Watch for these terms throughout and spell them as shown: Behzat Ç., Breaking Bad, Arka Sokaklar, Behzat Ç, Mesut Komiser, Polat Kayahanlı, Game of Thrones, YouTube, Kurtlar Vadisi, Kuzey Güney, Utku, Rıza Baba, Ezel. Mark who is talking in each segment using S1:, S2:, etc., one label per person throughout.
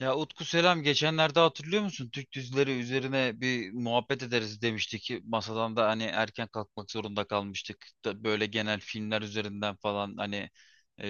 S1: Ya Utku, selam. Geçenlerde hatırlıyor musun? Türk dizileri üzerine bir muhabbet ederiz demiştik. Ki masadan da hani erken kalkmak zorunda kalmıştık. Da böyle genel filmler üzerinden falan hani e,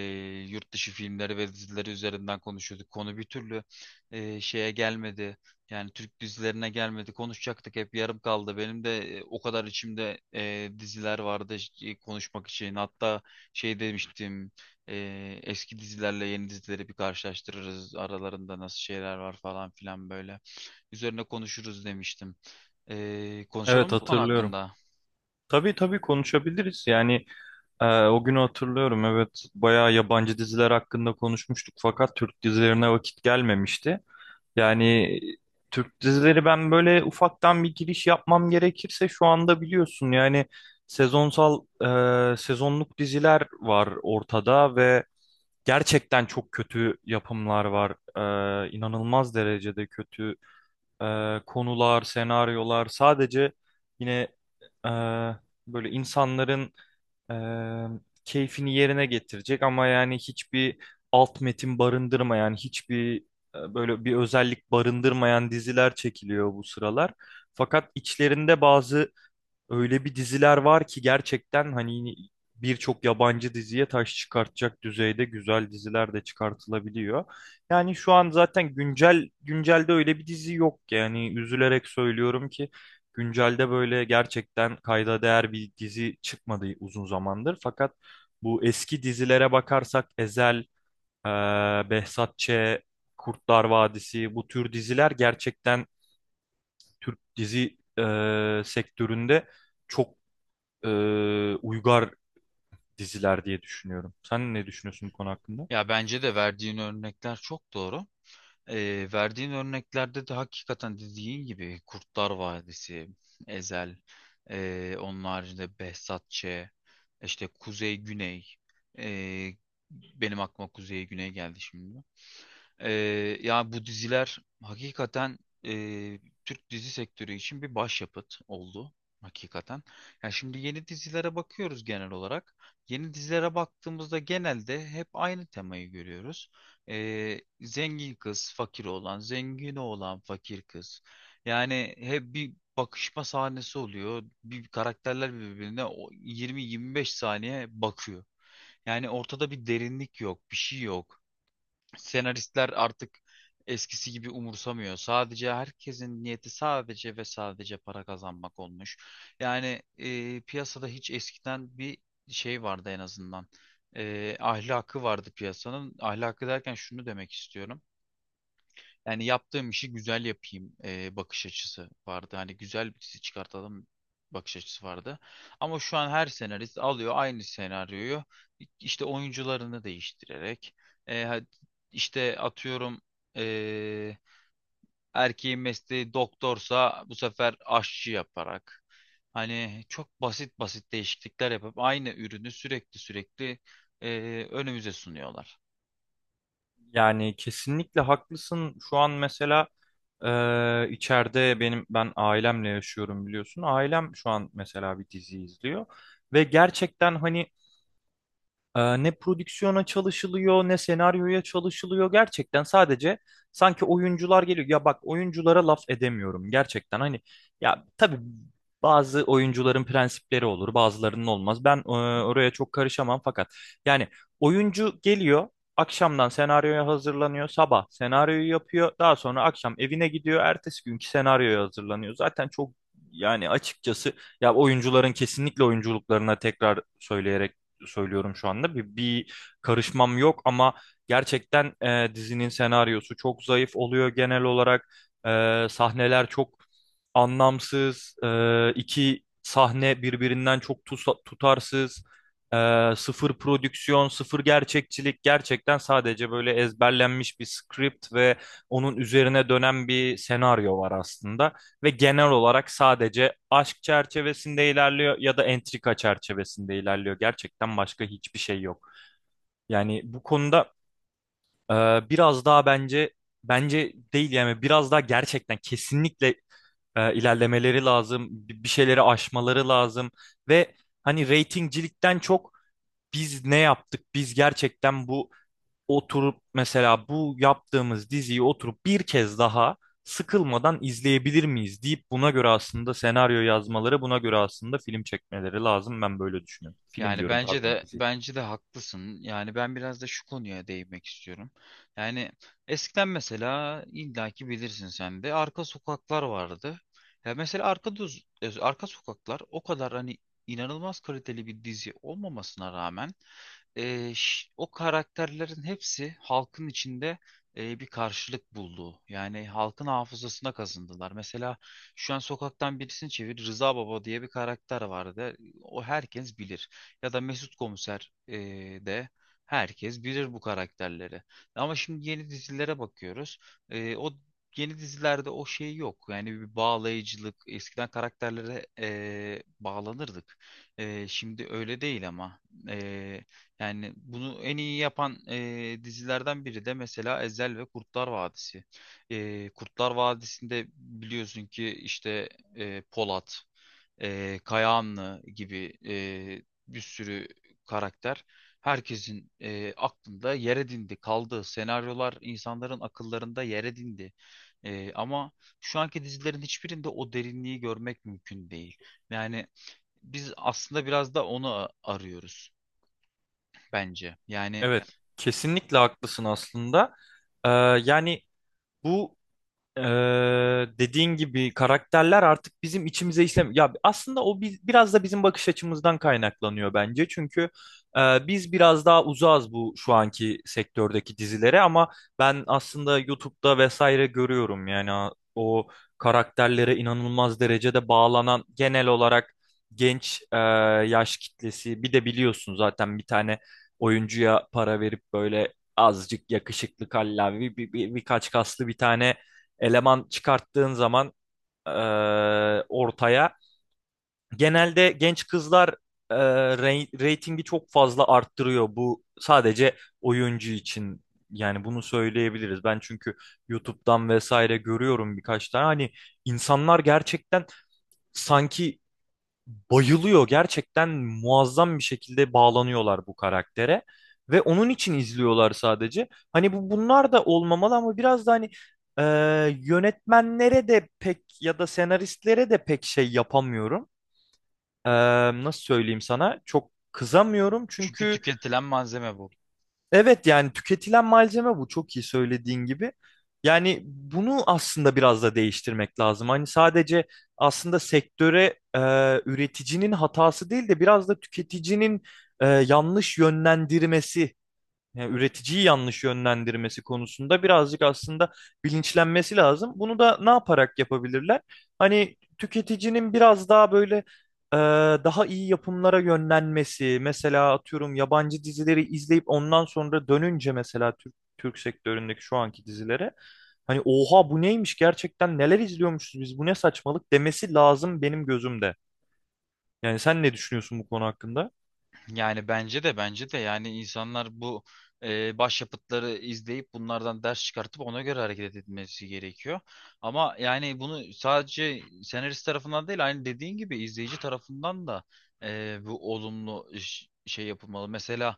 S1: yurt dışı filmleri ve dizileri üzerinden konuşuyorduk. Konu bir türlü şeye gelmedi. Yani Türk dizilerine gelmedi. Konuşacaktık, hep yarım kaldı. Benim de o kadar içimde diziler vardı konuşmak için. Hatta şey demiştim. Eski dizilerle yeni dizileri bir karşılaştırırız. Aralarında nasıl şeyler var falan filan böyle. Üzerine konuşuruz demiştim. Konuşalım
S2: Evet
S1: mı bu konu
S2: hatırlıyorum.
S1: hakkında?
S2: Tabii tabii, konuşabiliriz. O günü hatırlıyorum. Evet, bayağı yabancı diziler hakkında konuşmuştuk fakat Türk dizilerine vakit gelmemişti. Yani Türk dizileri, ben böyle ufaktan bir giriş yapmam gerekirse, şu anda biliyorsun yani sezonsal sezonluk diziler var ortada ve gerçekten çok kötü yapımlar var. İnanılmaz derecede kötü konular, senaryolar. Sadece yine e, böyle insanların e, keyfini yerine getirecek ama yani hiçbir alt metin barındırmayan, hiçbir böyle bir özellik barındırmayan diziler çekiliyor bu sıralar. Fakat içlerinde bazı öyle bir diziler var ki gerçekten hani birçok yabancı diziye taş çıkartacak düzeyde güzel diziler de çıkartılabiliyor. Yani şu an zaten güncel, güncelde öyle bir dizi yok ki. Yani üzülerek söylüyorum ki güncelde böyle gerçekten kayda değer bir dizi çıkmadı uzun zamandır. Fakat bu eski dizilere bakarsak Ezel, Behzat Ç., Kurtlar Vadisi, bu tür diziler gerçekten Türk dizi sektöründe çok e, uygar diziler diye düşünüyorum. Sen ne düşünüyorsun bu konu hakkında?
S1: Ya bence de verdiğin örnekler çok doğru. Verdiğin örneklerde de hakikaten dediğin gibi Kurtlar Vadisi, Ezel, onun haricinde Behzat Ç, işte Kuzey Güney. Ee, Benim aklıma Kuzey Güney geldi şimdi. Ee, Ya bu diziler hakikaten e, Türk dizi sektörü için bir başyapıt oldu hakikaten. Yani şimdi yeni dizilere bakıyoruz genel olarak. Yeni dizilere baktığımızda genelde hep aynı temayı görüyoruz. Zengin kız, fakir oğlan, zengin oğlan, fakir kız. Yani hep bir bakışma sahnesi oluyor. Bir karakterler birbirine o 20-25 saniye bakıyor. Yani ortada bir derinlik yok, bir şey yok, senaristler artık eskisi gibi umursamıyor. Sadece herkesin niyeti sadece ve sadece para kazanmak olmuş. Yani piyasada hiç eskiden bir şey vardı en azından. Ahlakı vardı piyasanın. Ahlakı derken şunu demek istiyorum. Yani yaptığım işi güzel yapayım bakış açısı vardı. Hani güzel bir dizi çıkartalım bakış açısı vardı. Ama şu an her senarist alıyor aynı senaryoyu, işte oyuncularını değiştirerek e, ha- işte atıyorum, e, erkeğin mesleği doktorsa bu sefer aşçı yaparak, hani çok basit basit değişiklikler yapıp aynı ürünü sürekli sürekli e, önümüze sunuyorlar.
S2: Yani kesinlikle haklısın. Şu an mesela içeride ben ailemle yaşıyorum, biliyorsun. Ailem şu an mesela bir dizi izliyor ve gerçekten hani, ne prodüksiyona çalışılıyor, ne senaryoya çalışılıyor. Gerçekten sadece sanki oyuncular geliyor. Ya bak, oyunculara laf edemiyorum gerçekten. Hani, ya tabii, bazı oyuncuların prensipleri olur, bazılarının olmaz. Ben oraya çok karışamam fakat yani oyuncu geliyor, akşamdan senaryoya hazırlanıyor, sabah senaryoyu yapıyor, daha sonra akşam evine gidiyor, ertesi günkü senaryoya hazırlanıyor. Zaten çok, yani açıkçası, ya oyuncuların kesinlikle oyunculuklarına tekrar söyleyerek söylüyorum şu anda. Bir karışmam yok ama gerçekten dizinin senaryosu çok zayıf oluyor genel olarak. E, sahneler çok anlamsız. E, iki sahne birbirinden çok tutarsız. E, sıfır prodüksiyon, sıfır gerçekçilik. Gerçekten sadece böyle ezberlenmiş bir script ve onun üzerine dönen bir senaryo var aslında ve genel olarak sadece aşk çerçevesinde ilerliyor ya da entrika çerçevesinde ilerliyor. Gerçekten başka hiçbir şey yok. Yani bu konuda e, biraz daha bence, bence değil, yani biraz daha gerçekten kesinlikle ilerlemeleri lazım. Bir şeyleri aşmaları lazım ve hani, reytingcilikten çok biz ne yaptık? Biz gerçekten bu, oturup mesela bu yaptığımız diziyi oturup bir kez daha sıkılmadan izleyebilir miyiz deyip buna göre aslında senaryo yazmaları, buna göre aslında film çekmeleri lazım. Ben böyle düşünüyorum. Film
S1: Yani
S2: diyorum,
S1: bence
S2: pardon,
S1: de
S2: dizi.
S1: bence de haklısın. Yani ben biraz da şu konuya değinmek istiyorum. Yani eskiden mesela illaki bilirsin sen de arka sokaklar vardı. Ya mesela arka sokaklar o kadar hani inanılmaz kaliteli bir dizi olmamasına rağmen o karakterlerin hepsi halkın içinde bir karşılık buldu. Yani halkın hafızasına kazındılar. Mesela şu an sokaktan birisini çevir, Rıza Baba diye bir karakter vardı. O, herkes bilir. Ya da Mesut Komiser, de herkes bilir bu karakterleri. Ama şimdi yeni dizilere bakıyoruz. O yeni dizilerde o şey yok. Yani bir bağlayıcılık. Eskiden karakterlere bağlanırdık. Şimdi öyle değil ama. E, Yani bunu en iyi yapan dizilerden biri de mesela Ezel ve Kurtlar Vadisi. Kurtlar Vadisi'nde biliyorsun ki işte Polat, Kayahanlı gibi bir sürü karakter herkesin aklında yer edindi, kaldı. Senaryolar insanların akıllarında yer edindi. Ama şu anki dizilerin hiçbirinde o derinliği görmek mümkün değil. Yani biz aslında biraz da onu arıyoruz bence. Yani
S2: Evet, kesinlikle haklısın aslında. Ee, Yani bu, Ee, dediğin gibi karakterler artık bizim içimize işlem. Ya aslında o biz, biraz da bizim bakış açımızdan kaynaklanıyor bence. Çünkü biz biraz daha uzağız bu şu anki sektördeki dizilere ama ben aslında YouTube'da vesaire görüyorum, yani o karakterlere inanılmaz derecede bağlanan genel olarak genç yaş kitlesi. Bir de biliyorsun zaten, bir tane oyuncuya para verip böyle azıcık yakışıklı kallavi birkaç kaslı bir tane eleman çıkarttığın zaman e, ortaya genelde genç kızlar e, reytingi çok fazla arttırıyor. Bu sadece oyuncu için, yani bunu söyleyebiliriz. Ben çünkü YouTube'dan vesaire görüyorum birkaç tane. Hani insanlar gerçekten sanki bayılıyor. Gerçekten muazzam bir şekilde bağlanıyorlar bu karaktere ve onun için izliyorlar sadece. Hani bu, bunlar da olmamalı ama biraz da hani e, yönetmenlere de pek ya da senaristlere de pek şey yapamıyorum. E, nasıl söyleyeyim sana? Çok kızamıyorum
S1: çünkü
S2: çünkü
S1: tüketilen malzeme bu.
S2: evet, yani tüketilen malzeme bu, çok iyi söylediğin gibi. Yani bunu aslında biraz da değiştirmek lazım. Hani sadece aslında sektöre e, üreticinin hatası değil de biraz da tüketicinin yanlış yönlendirmesi, yani üreticiyi yanlış yönlendirmesi konusunda birazcık aslında bilinçlenmesi lazım. Bunu da ne yaparak yapabilirler? Hani tüketicinin biraz daha böyle e, daha iyi yapımlara yönlenmesi, mesela atıyorum yabancı dizileri izleyip ondan sonra dönünce mesela Türk sektöründeki şu anki dizilere hani oha bu neymiş, gerçekten neler izliyormuşuz biz, bu ne saçmalık demesi lazım benim gözümde. Yani sen ne düşünüyorsun bu konu hakkında?
S1: Yani bence de bence de yani insanlar bu başyapıtları izleyip bunlardan ders çıkartıp ona göre hareket etmesi gerekiyor. Ama yani bunu sadece senarist tarafından değil, aynı dediğin gibi izleyici tarafından da bu olumlu şey yapılmalı. Mesela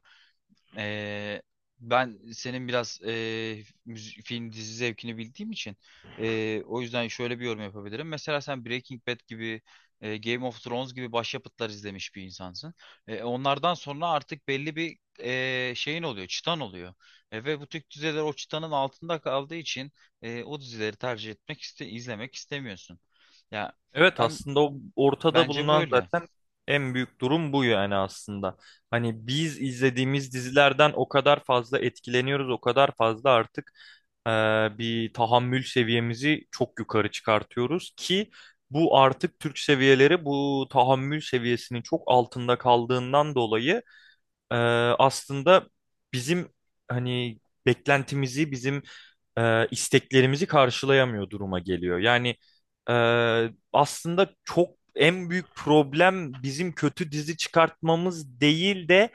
S1: Eee, ben senin biraz film dizi zevkini bildiğim için o yüzden şöyle bir yorum yapabilirim. Mesela sen Breaking Bad gibi, Game of Thrones gibi başyapıtlar izlemiş bir insansın. Onlardan sonra artık belli bir şeyin oluyor, çıtan oluyor. Ve bu tür diziler o çıtanın altında kaldığı için o dizileri tercih etmek izlemek istemiyorsun. Ya
S2: Evet,
S1: ben,
S2: aslında o ortada
S1: bence
S2: bulunan
S1: böyle.
S2: zaten en büyük durum bu yani aslında. Hani biz izlediğimiz dizilerden o kadar fazla etkileniyoruz, o kadar fazla artık e, bir tahammül seviyemizi çok yukarı çıkartıyoruz ki bu artık Türk seviyeleri bu tahammül seviyesinin çok altında kaldığından dolayı e, aslında bizim hani beklentimizi, bizim isteklerimizi karşılayamıyor duruma geliyor. E, Aslında çok, en büyük problem bizim kötü dizi çıkartmamız değil de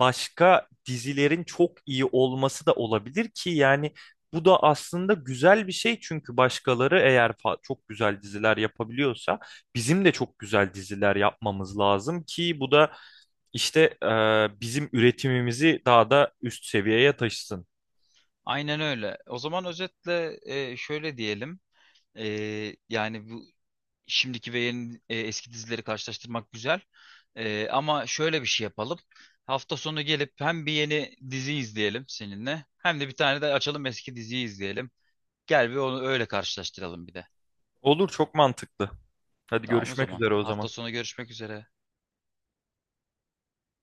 S2: başka dizilerin çok iyi olması da olabilir ki, yani bu da aslında güzel bir şey çünkü başkaları eğer çok güzel diziler yapabiliyorsa bizim de çok güzel diziler yapmamız lazım ki bu da işte bizim üretimimizi daha da üst seviyeye taşısın.
S1: Aynen öyle. O zaman özetle şöyle diyelim. Yani bu şimdiki ve eski dizileri karşılaştırmak güzel. Ama şöyle bir şey yapalım. Hafta sonu gelip hem bir yeni dizi izleyelim seninle, hem de bir tane de açalım, eski diziyi izleyelim. Gel bir onu öyle karşılaştıralım bir de.
S2: Olur, çok mantıklı. Hadi
S1: Tamam, o
S2: görüşmek
S1: zaman.
S2: üzere o
S1: Hafta
S2: zaman.
S1: sonu görüşmek üzere.